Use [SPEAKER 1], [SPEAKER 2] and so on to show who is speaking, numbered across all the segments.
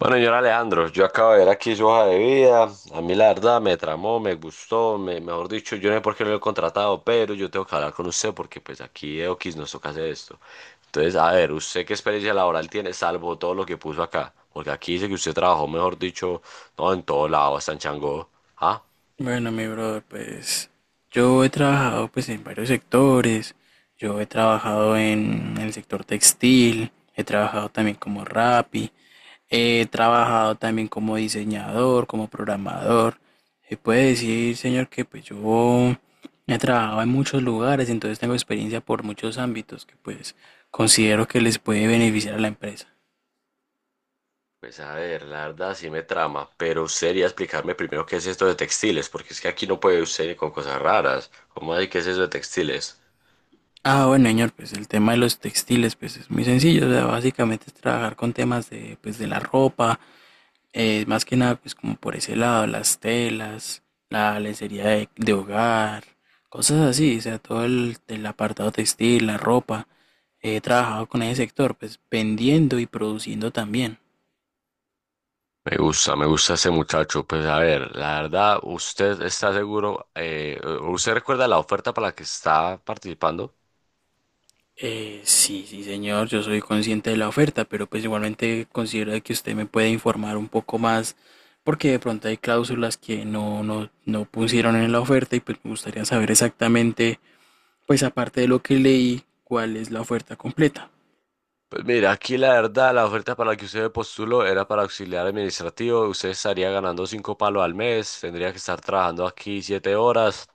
[SPEAKER 1] Bueno, señor Alejandro, yo acabo de ver aquí su hoja de vida. A mí la verdad me tramó, me gustó, mejor dicho, yo no sé por qué no lo he contratado, pero yo tengo que hablar con usted porque pues aquí X nos toca hacer esto. Entonces, a ver, ¿usted qué experiencia laboral tiene salvo todo lo que puso acá? Porque aquí dice que usted trabajó, mejor dicho, no en todo lado, hasta en Changó. ¿Ah?
[SPEAKER 2] Bueno, mi brother, pues yo he trabajado pues en varios sectores. Yo he trabajado en el sector textil, he trabajado también como Rappi, he trabajado también como diseñador, como programador. Se puede decir, señor, que pues yo he trabajado en muchos lugares, entonces tengo experiencia por muchos ámbitos que pues considero que les puede beneficiar a la empresa.
[SPEAKER 1] Pues a ver, la verdad sí me trama, pero sería explicarme primero qué es esto de textiles, porque es que aquí no puede usted ni con cosas raras. ¿Cómo así que es eso de textiles?
[SPEAKER 2] Ah, bueno, señor, pues el tema de los textiles, pues es muy sencillo, o sea, básicamente es trabajar con temas de, pues, de la ropa. Más que nada, pues como por ese lado, las telas, la lencería de hogar, cosas así, o sea, todo el apartado textil, la ropa. He trabajado con ese sector, pues vendiendo y produciendo también.
[SPEAKER 1] Me gusta ese muchacho. Pues a ver, la verdad, ¿usted está seguro? ¿Usted recuerda la oferta para la que está participando?
[SPEAKER 2] Sí, sí, señor, yo soy consciente de la oferta, pero pues igualmente considero de que usted me puede informar un poco más, porque de pronto hay cláusulas que no pusieron en la oferta y pues me gustaría saber exactamente, pues aparte de lo que leí, cuál es la oferta completa.
[SPEAKER 1] Pues mira, aquí la verdad, la oferta para la que usted postuló era para auxiliar administrativo. Usted estaría ganando cinco palos al mes, tendría que estar trabajando aquí 7 horas.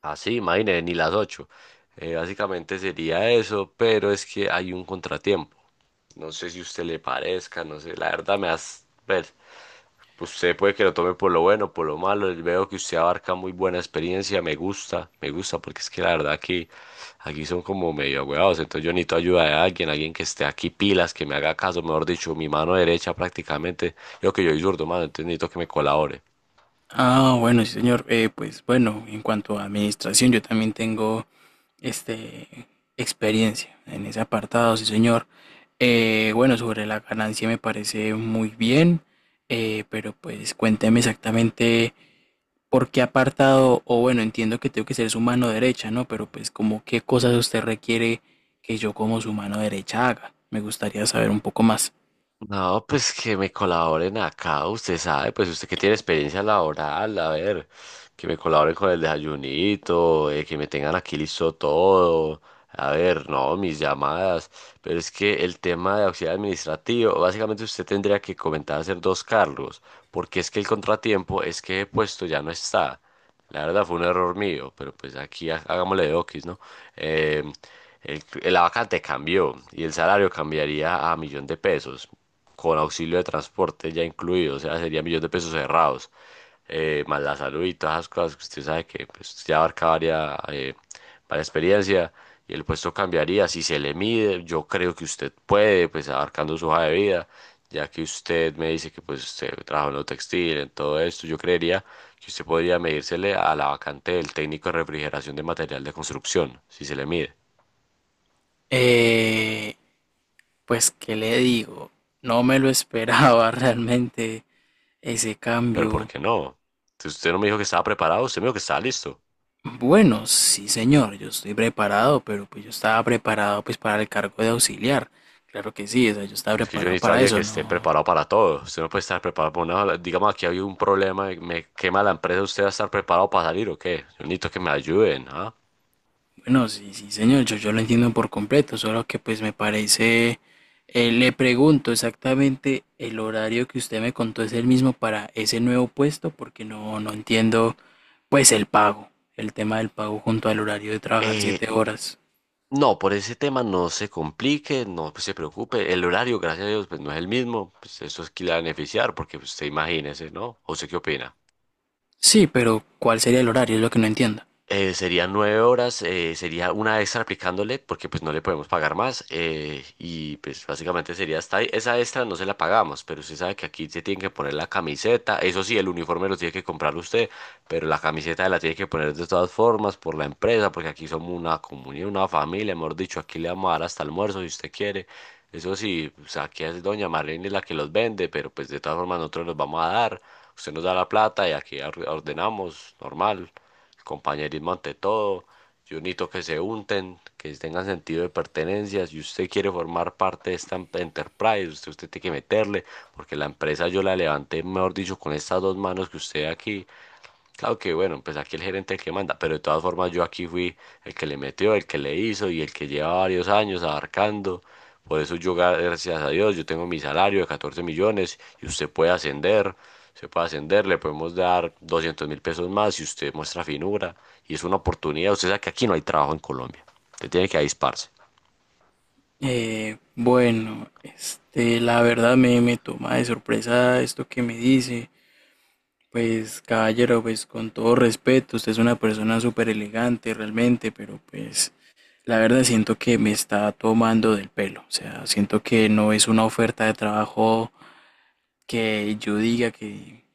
[SPEAKER 1] Así, imagínese, ni las ocho. Básicamente sería eso, pero es que hay un contratiempo. No sé si a usted le parezca, no sé, la verdad me has... ver. Pues, usted puede que lo tome por lo bueno, por lo malo, y veo que usted abarca muy buena experiencia. Me gusta, porque es que la verdad que aquí son como medio agüevados. Entonces yo necesito ayuda de alguien, alguien que esté aquí pilas, que me haga caso, mejor dicho, mi mano derecha prácticamente. Yo que yo soy zurdo, mano, entonces necesito que me colabore.
[SPEAKER 2] Ah, bueno, sí, señor. Pues bueno, en cuanto a administración, yo también tengo este experiencia en ese apartado, sí, señor. Bueno, sobre la ganancia me parece muy bien, pero pues cuénteme exactamente por qué apartado, o bueno, entiendo que tengo que ser su mano derecha, ¿no? Pero pues como qué cosas usted requiere que yo como su mano derecha haga. Me gustaría saber un poco más.
[SPEAKER 1] No, pues que me colaboren acá, usted sabe, pues usted que tiene experiencia laboral, a ver, que me colaboren con el desayunito, que me tengan aquí listo todo, a ver, no, mis llamadas, pero es que el tema de auxiliar administrativo, básicamente usted tendría que comentar hacer dos cargos, porque es que el contratiempo es que el puesto ya no está, la verdad fue un error mío, pero pues aquí hagámosle de oquis, ¿no? eh, el, la vacante cambió y el salario cambiaría a millón de pesos, con auxilio de transporte ya incluido, o sea, sería millón de pesos cerrados, más la salud y todas esas cosas que usted sabe que pues, ya abarca varias, varias experiencia y el puesto cambiaría si se le mide, yo creo que usted puede, pues abarcando su hoja de vida. Ya que usted me dice que pues usted trabajó en lo textil, en todo esto, yo creería que usted podría medírsele a la vacante del técnico de refrigeración de material de construcción, si se le mide.
[SPEAKER 2] Eh, pues, ¿qué le digo? No me lo esperaba realmente. Ese
[SPEAKER 1] Pero ¿por
[SPEAKER 2] cambio,
[SPEAKER 1] qué no? Si usted no me dijo que estaba preparado, usted me dijo que estaba listo.
[SPEAKER 2] bueno, sí señor, yo estoy preparado, pero pues yo estaba preparado pues para el cargo de auxiliar. Claro que sí, o sea, yo estaba
[SPEAKER 1] Pues que yo
[SPEAKER 2] preparado
[SPEAKER 1] necesito a
[SPEAKER 2] para
[SPEAKER 1] alguien que
[SPEAKER 2] eso,
[SPEAKER 1] esté
[SPEAKER 2] no.
[SPEAKER 1] preparado para todo. Usted no puede estar preparado para una... Digamos, aquí hay un problema, me quema la empresa, ¿usted va a estar preparado para salir o qué? Yo necesito que me ayuden, ¿ah?
[SPEAKER 2] Bueno, sí, sí señor, yo lo entiendo por completo, solo que pues me parece, le pregunto exactamente el horario que usted me contó es el mismo para ese nuevo puesto, porque no entiendo pues el pago, el tema del pago junto al horario de trabajar
[SPEAKER 1] Eh,
[SPEAKER 2] 7 horas.
[SPEAKER 1] no, por ese tema no se complique, no pues, se preocupe. El horario, gracias a Dios, pues no es el mismo. Pues eso es que le va a beneficiar, porque pues, usted imagínese, ¿no? ¿O usted qué opina?
[SPEAKER 2] Sí, pero ¿cuál sería el horario? Es lo que no entiendo.
[SPEAKER 1] Serían 9 horas, sería una extra aplicándole porque pues no le podemos pagar más y pues básicamente sería hasta ahí. Esa extra no se la pagamos, pero usted sabe que aquí se tiene que poner la camiseta, eso sí, el uniforme lo tiene que comprar usted, pero la camiseta la tiene que poner de todas formas por la empresa porque aquí somos una comunidad, una familia, mejor dicho, aquí le vamos a dar hasta almuerzo si usted quiere. Eso sí, o sea, aquí es doña Marlene la que los vende, pero pues de todas formas nosotros los vamos a dar. Usted nos da la plata y aquí ordenamos, normal. Compañerismo ante todo. Yo necesito que se unten, que tengan sentido de pertenencia. Si usted quiere formar parte de esta enterprise, usted tiene que meterle, porque la empresa yo la levanté, mejor dicho, con estas dos manos que usted ve aquí. Claro que bueno, pues aquí el gerente es el que manda, pero de todas formas yo aquí fui el que le metió, el que le hizo y el que lleva varios años abarcando. Por eso yo, gracias a Dios, yo tengo mi salario de 14 millones y usted puede ascender, se puede ascender, le podemos dar 200.000 pesos más si usted muestra finura y es una oportunidad. Usted sabe que aquí no hay trabajo en Colombia, usted tiene que avisparse.
[SPEAKER 2] Bueno, la verdad me toma de sorpresa esto que me dice. Pues, caballero, pues con todo respeto, usted es una persona súper elegante realmente, pero pues la verdad siento que me está tomando del pelo. O sea, siento que no es una oferta de trabajo que yo diga que,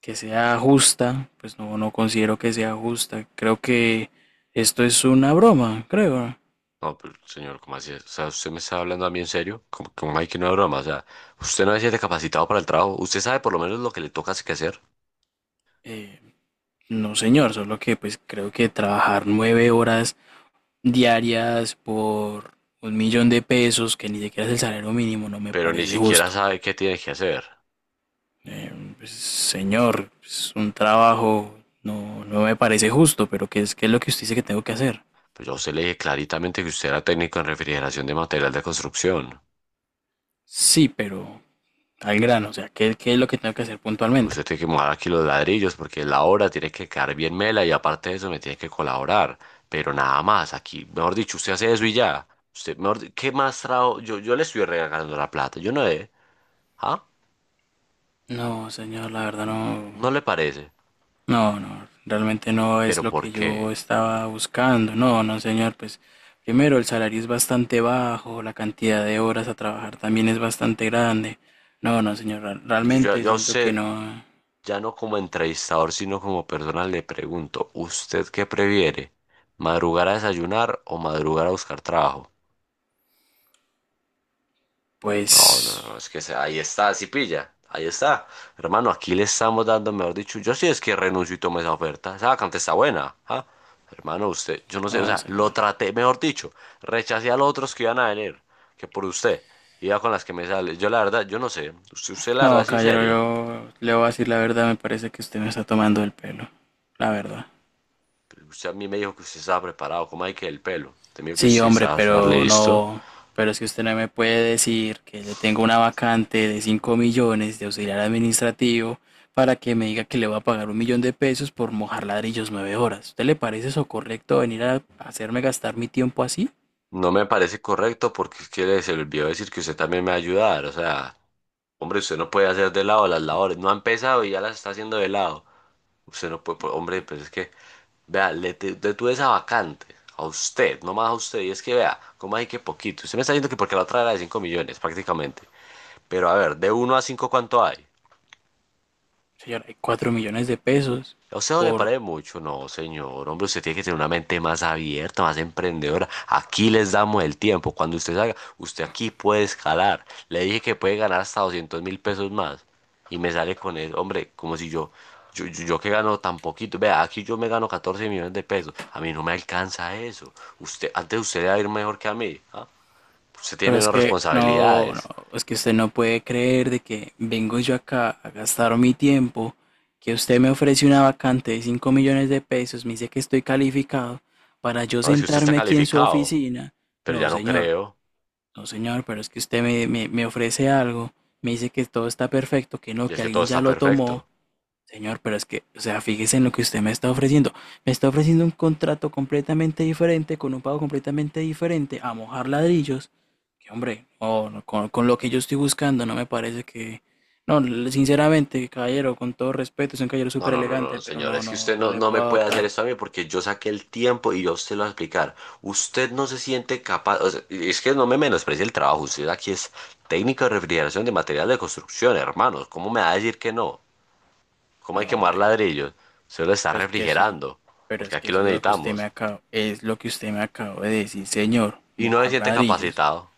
[SPEAKER 2] que sea justa. Pues no, no considero que sea justa. Creo que esto es una broma, creo.
[SPEAKER 1] No, pero señor, ¿cómo así es? O sea, ¿usted me está hablando a mí en serio? ¿Cómo, cómo hay que no es broma? O sea, usted no se siente capacitado para el trabajo, usted sabe por lo menos lo que le toca que hacer.
[SPEAKER 2] Eh, No, señor, solo que pues creo que trabajar 9 horas diarias por 1 millón de pesos, que ni siquiera es el salario mínimo, no me
[SPEAKER 1] Pero ni
[SPEAKER 2] parece
[SPEAKER 1] siquiera
[SPEAKER 2] justo.
[SPEAKER 1] sabe qué tiene que hacer.
[SPEAKER 2] Eh, pues, señor, es un trabajo no me parece justo, pero ¿qué es lo que usted dice que tengo que hacer?
[SPEAKER 1] Pues yo a usted le dije claritamente que usted era técnico en refrigeración de material de construcción.
[SPEAKER 2] Sí, pero al grano, o sea, ¿qué es lo que tengo que hacer puntualmente?
[SPEAKER 1] Usted tiene que mojar aquí los ladrillos porque la obra tiene que quedar bien mela y aparte de eso me tiene que colaborar. Pero nada más, aquí, mejor dicho, usted hace eso y ya. Usted, mejor, ¿qué más trabajo? Yo le estoy regalando la plata, yo no le, ¿ah?
[SPEAKER 2] No, señor, la verdad no.
[SPEAKER 1] ¿No le parece?
[SPEAKER 2] No, no, realmente no es
[SPEAKER 1] ¿Pero
[SPEAKER 2] lo
[SPEAKER 1] por
[SPEAKER 2] que yo
[SPEAKER 1] qué?
[SPEAKER 2] estaba buscando. No, no, señor, pues primero el salario es bastante bajo, la cantidad de horas a trabajar también es bastante grande. No, no, señor,
[SPEAKER 1] Pues
[SPEAKER 2] realmente
[SPEAKER 1] yo a
[SPEAKER 2] siento que
[SPEAKER 1] usted
[SPEAKER 2] no,
[SPEAKER 1] ya no como entrevistador, sino como persona le pregunto, ¿usted qué prefiere? ¿Madrugar a desayunar o madrugar a buscar trabajo? No, no,
[SPEAKER 2] pues,
[SPEAKER 1] no, es que ahí está, si pilla, ahí está. Hermano, aquí le estamos dando, mejor dicho, yo sí es que renuncio y tomo esa oferta. Esa vacante está buena, ¿ah? Hermano, usted, yo no sé, o
[SPEAKER 2] no,
[SPEAKER 1] sea, lo
[SPEAKER 2] señor.
[SPEAKER 1] traté, mejor dicho, rechacé a los otros que iban a venir, que por usted, iba con las que me sale. Yo la verdad, yo no sé, usted la verdad,
[SPEAKER 2] No,
[SPEAKER 1] sí,
[SPEAKER 2] caballero,
[SPEAKER 1] serio.
[SPEAKER 2] yo le voy a decir la verdad, me parece que usted me está tomando el pelo, la verdad.
[SPEAKER 1] Pero usted a mí me dijo que usted estaba preparado. ¿Cómo hay que el pelo? Usted me dijo que
[SPEAKER 2] Sí,
[SPEAKER 1] usted
[SPEAKER 2] hombre,
[SPEAKER 1] estaba
[SPEAKER 2] pero
[SPEAKER 1] listo.
[SPEAKER 2] no, pero si usted no me puede decir que le tengo una vacante de 5 millones de auxiliar administrativo para que me diga que le va a pagar 1 millón de pesos por mojar ladrillos 9 horas. ¿Usted le parece eso correcto venir a hacerme gastar mi tiempo así?
[SPEAKER 1] No me parece correcto porque es que se le olvidó decir que usted también me va a ayudar. O sea, hombre, usted no puede hacer de lado las labores. No ha empezado y ya las está haciendo de lado. Usted no puede, pues, hombre, pues es que, vea, le detuve esa vacante. A usted, no más a usted. Y es que, vea, ¿cómo hay que poquito? Usted me está diciendo que porque la otra era de 5 millones, prácticamente. Pero a ver, de uno a 5 ¿cuánto hay?
[SPEAKER 2] Señora, hay 4 millones de pesos.
[SPEAKER 1] A usted no le parece mucho, no, señor. Hombre, usted tiene que tener una mente más abierta, más emprendedora. Aquí les damos el tiempo. Cuando usted salga, usted aquí puede escalar. Le dije que puede ganar hasta 200.000 pesos más. Y me sale con eso, hombre, como si yo, yo que gano tan poquito. Vea, aquí yo me gano 14 millones de pesos. A mí no me alcanza eso. Usted, antes usted le va a ir mejor que a mí. ¿Ah? Usted
[SPEAKER 2] Pero
[SPEAKER 1] tiene
[SPEAKER 2] es
[SPEAKER 1] menos
[SPEAKER 2] que no, no,
[SPEAKER 1] responsabilidades.
[SPEAKER 2] es que usted no puede creer de que vengo yo acá a gastar mi tiempo, que usted me ofrece una vacante de 5 millones de pesos, me dice que estoy calificado para yo
[SPEAKER 1] No, si usted está
[SPEAKER 2] sentarme aquí en su
[SPEAKER 1] calificado,
[SPEAKER 2] oficina.
[SPEAKER 1] pero
[SPEAKER 2] No,
[SPEAKER 1] ya no
[SPEAKER 2] señor,
[SPEAKER 1] creo.
[SPEAKER 2] no, señor, pero es que usted me ofrece algo, me dice que todo está perfecto, que no,
[SPEAKER 1] Y es
[SPEAKER 2] que
[SPEAKER 1] que todo
[SPEAKER 2] alguien ya
[SPEAKER 1] está
[SPEAKER 2] lo tomó.
[SPEAKER 1] perfecto.
[SPEAKER 2] Señor, pero es que, o sea, fíjese en lo que usted me está ofreciendo. Me está ofreciendo un contrato completamente diferente, con un pago completamente diferente, a mojar ladrillos. Que hombre, no, no, con lo que yo estoy buscando, no me parece que... No, sinceramente, caballero, con todo respeto, es un caballero
[SPEAKER 1] No,
[SPEAKER 2] súper
[SPEAKER 1] no, no, no,
[SPEAKER 2] elegante, pero
[SPEAKER 1] señor.
[SPEAKER 2] no,
[SPEAKER 1] Es que
[SPEAKER 2] no,
[SPEAKER 1] usted
[SPEAKER 2] no
[SPEAKER 1] no,
[SPEAKER 2] le
[SPEAKER 1] no me
[SPEAKER 2] puedo
[SPEAKER 1] puede hacer
[SPEAKER 2] adoptar.
[SPEAKER 1] esto a mí porque yo saqué el tiempo y yo se lo voy a explicar. Usted no se siente capaz. O sea, y es que no me menosprecie el trabajo. Usted aquí es técnico de refrigeración de material de construcción, hermanos. ¿Cómo me va a decir que no? ¿Cómo hay
[SPEAKER 2] No,
[SPEAKER 1] que mover
[SPEAKER 2] hombre,
[SPEAKER 1] ladrillos? Usted lo está
[SPEAKER 2] pero es que eso es,
[SPEAKER 1] refrigerando
[SPEAKER 2] pero
[SPEAKER 1] porque
[SPEAKER 2] es que
[SPEAKER 1] aquí lo
[SPEAKER 2] eso es lo que usted me
[SPEAKER 1] necesitamos.
[SPEAKER 2] acaba, es lo que usted me acabó de decir, señor,
[SPEAKER 1] Y no se
[SPEAKER 2] mojar
[SPEAKER 1] siente
[SPEAKER 2] ladrillos.
[SPEAKER 1] capacitado.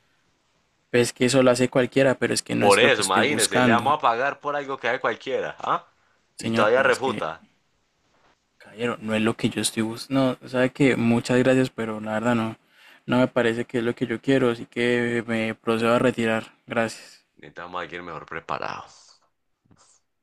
[SPEAKER 2] Pues es que eso lo hace cualquiera, pero es que no
[SPEAKER 1] Por
[SPEAKER 2] es lo
[SPEAKER 1] eso,
[SPEAKER 2] que estoy
[SPEAKER 1] imagínese, le vamos
[SPEAKER 2] buscando.
[SPEAKER 1] a pagar por algo que haga cualquiera, ¿ah? Y
[SPEAKER 2] Señor,
[SPEAKER 1] todavía
[SPEAKER 2] pero es que...
[SPEAKER 1] refuta.
[SPEAKER 2] Caballero, no es lo que yo estoy buscando. No, sabe que muchas gracias, pero la verdad no, no me parece que es lo que yo quiero, así que me procedo a retirar. Gracias.
[SPEAKER 1] Necesitamos a alguien mejor preparado.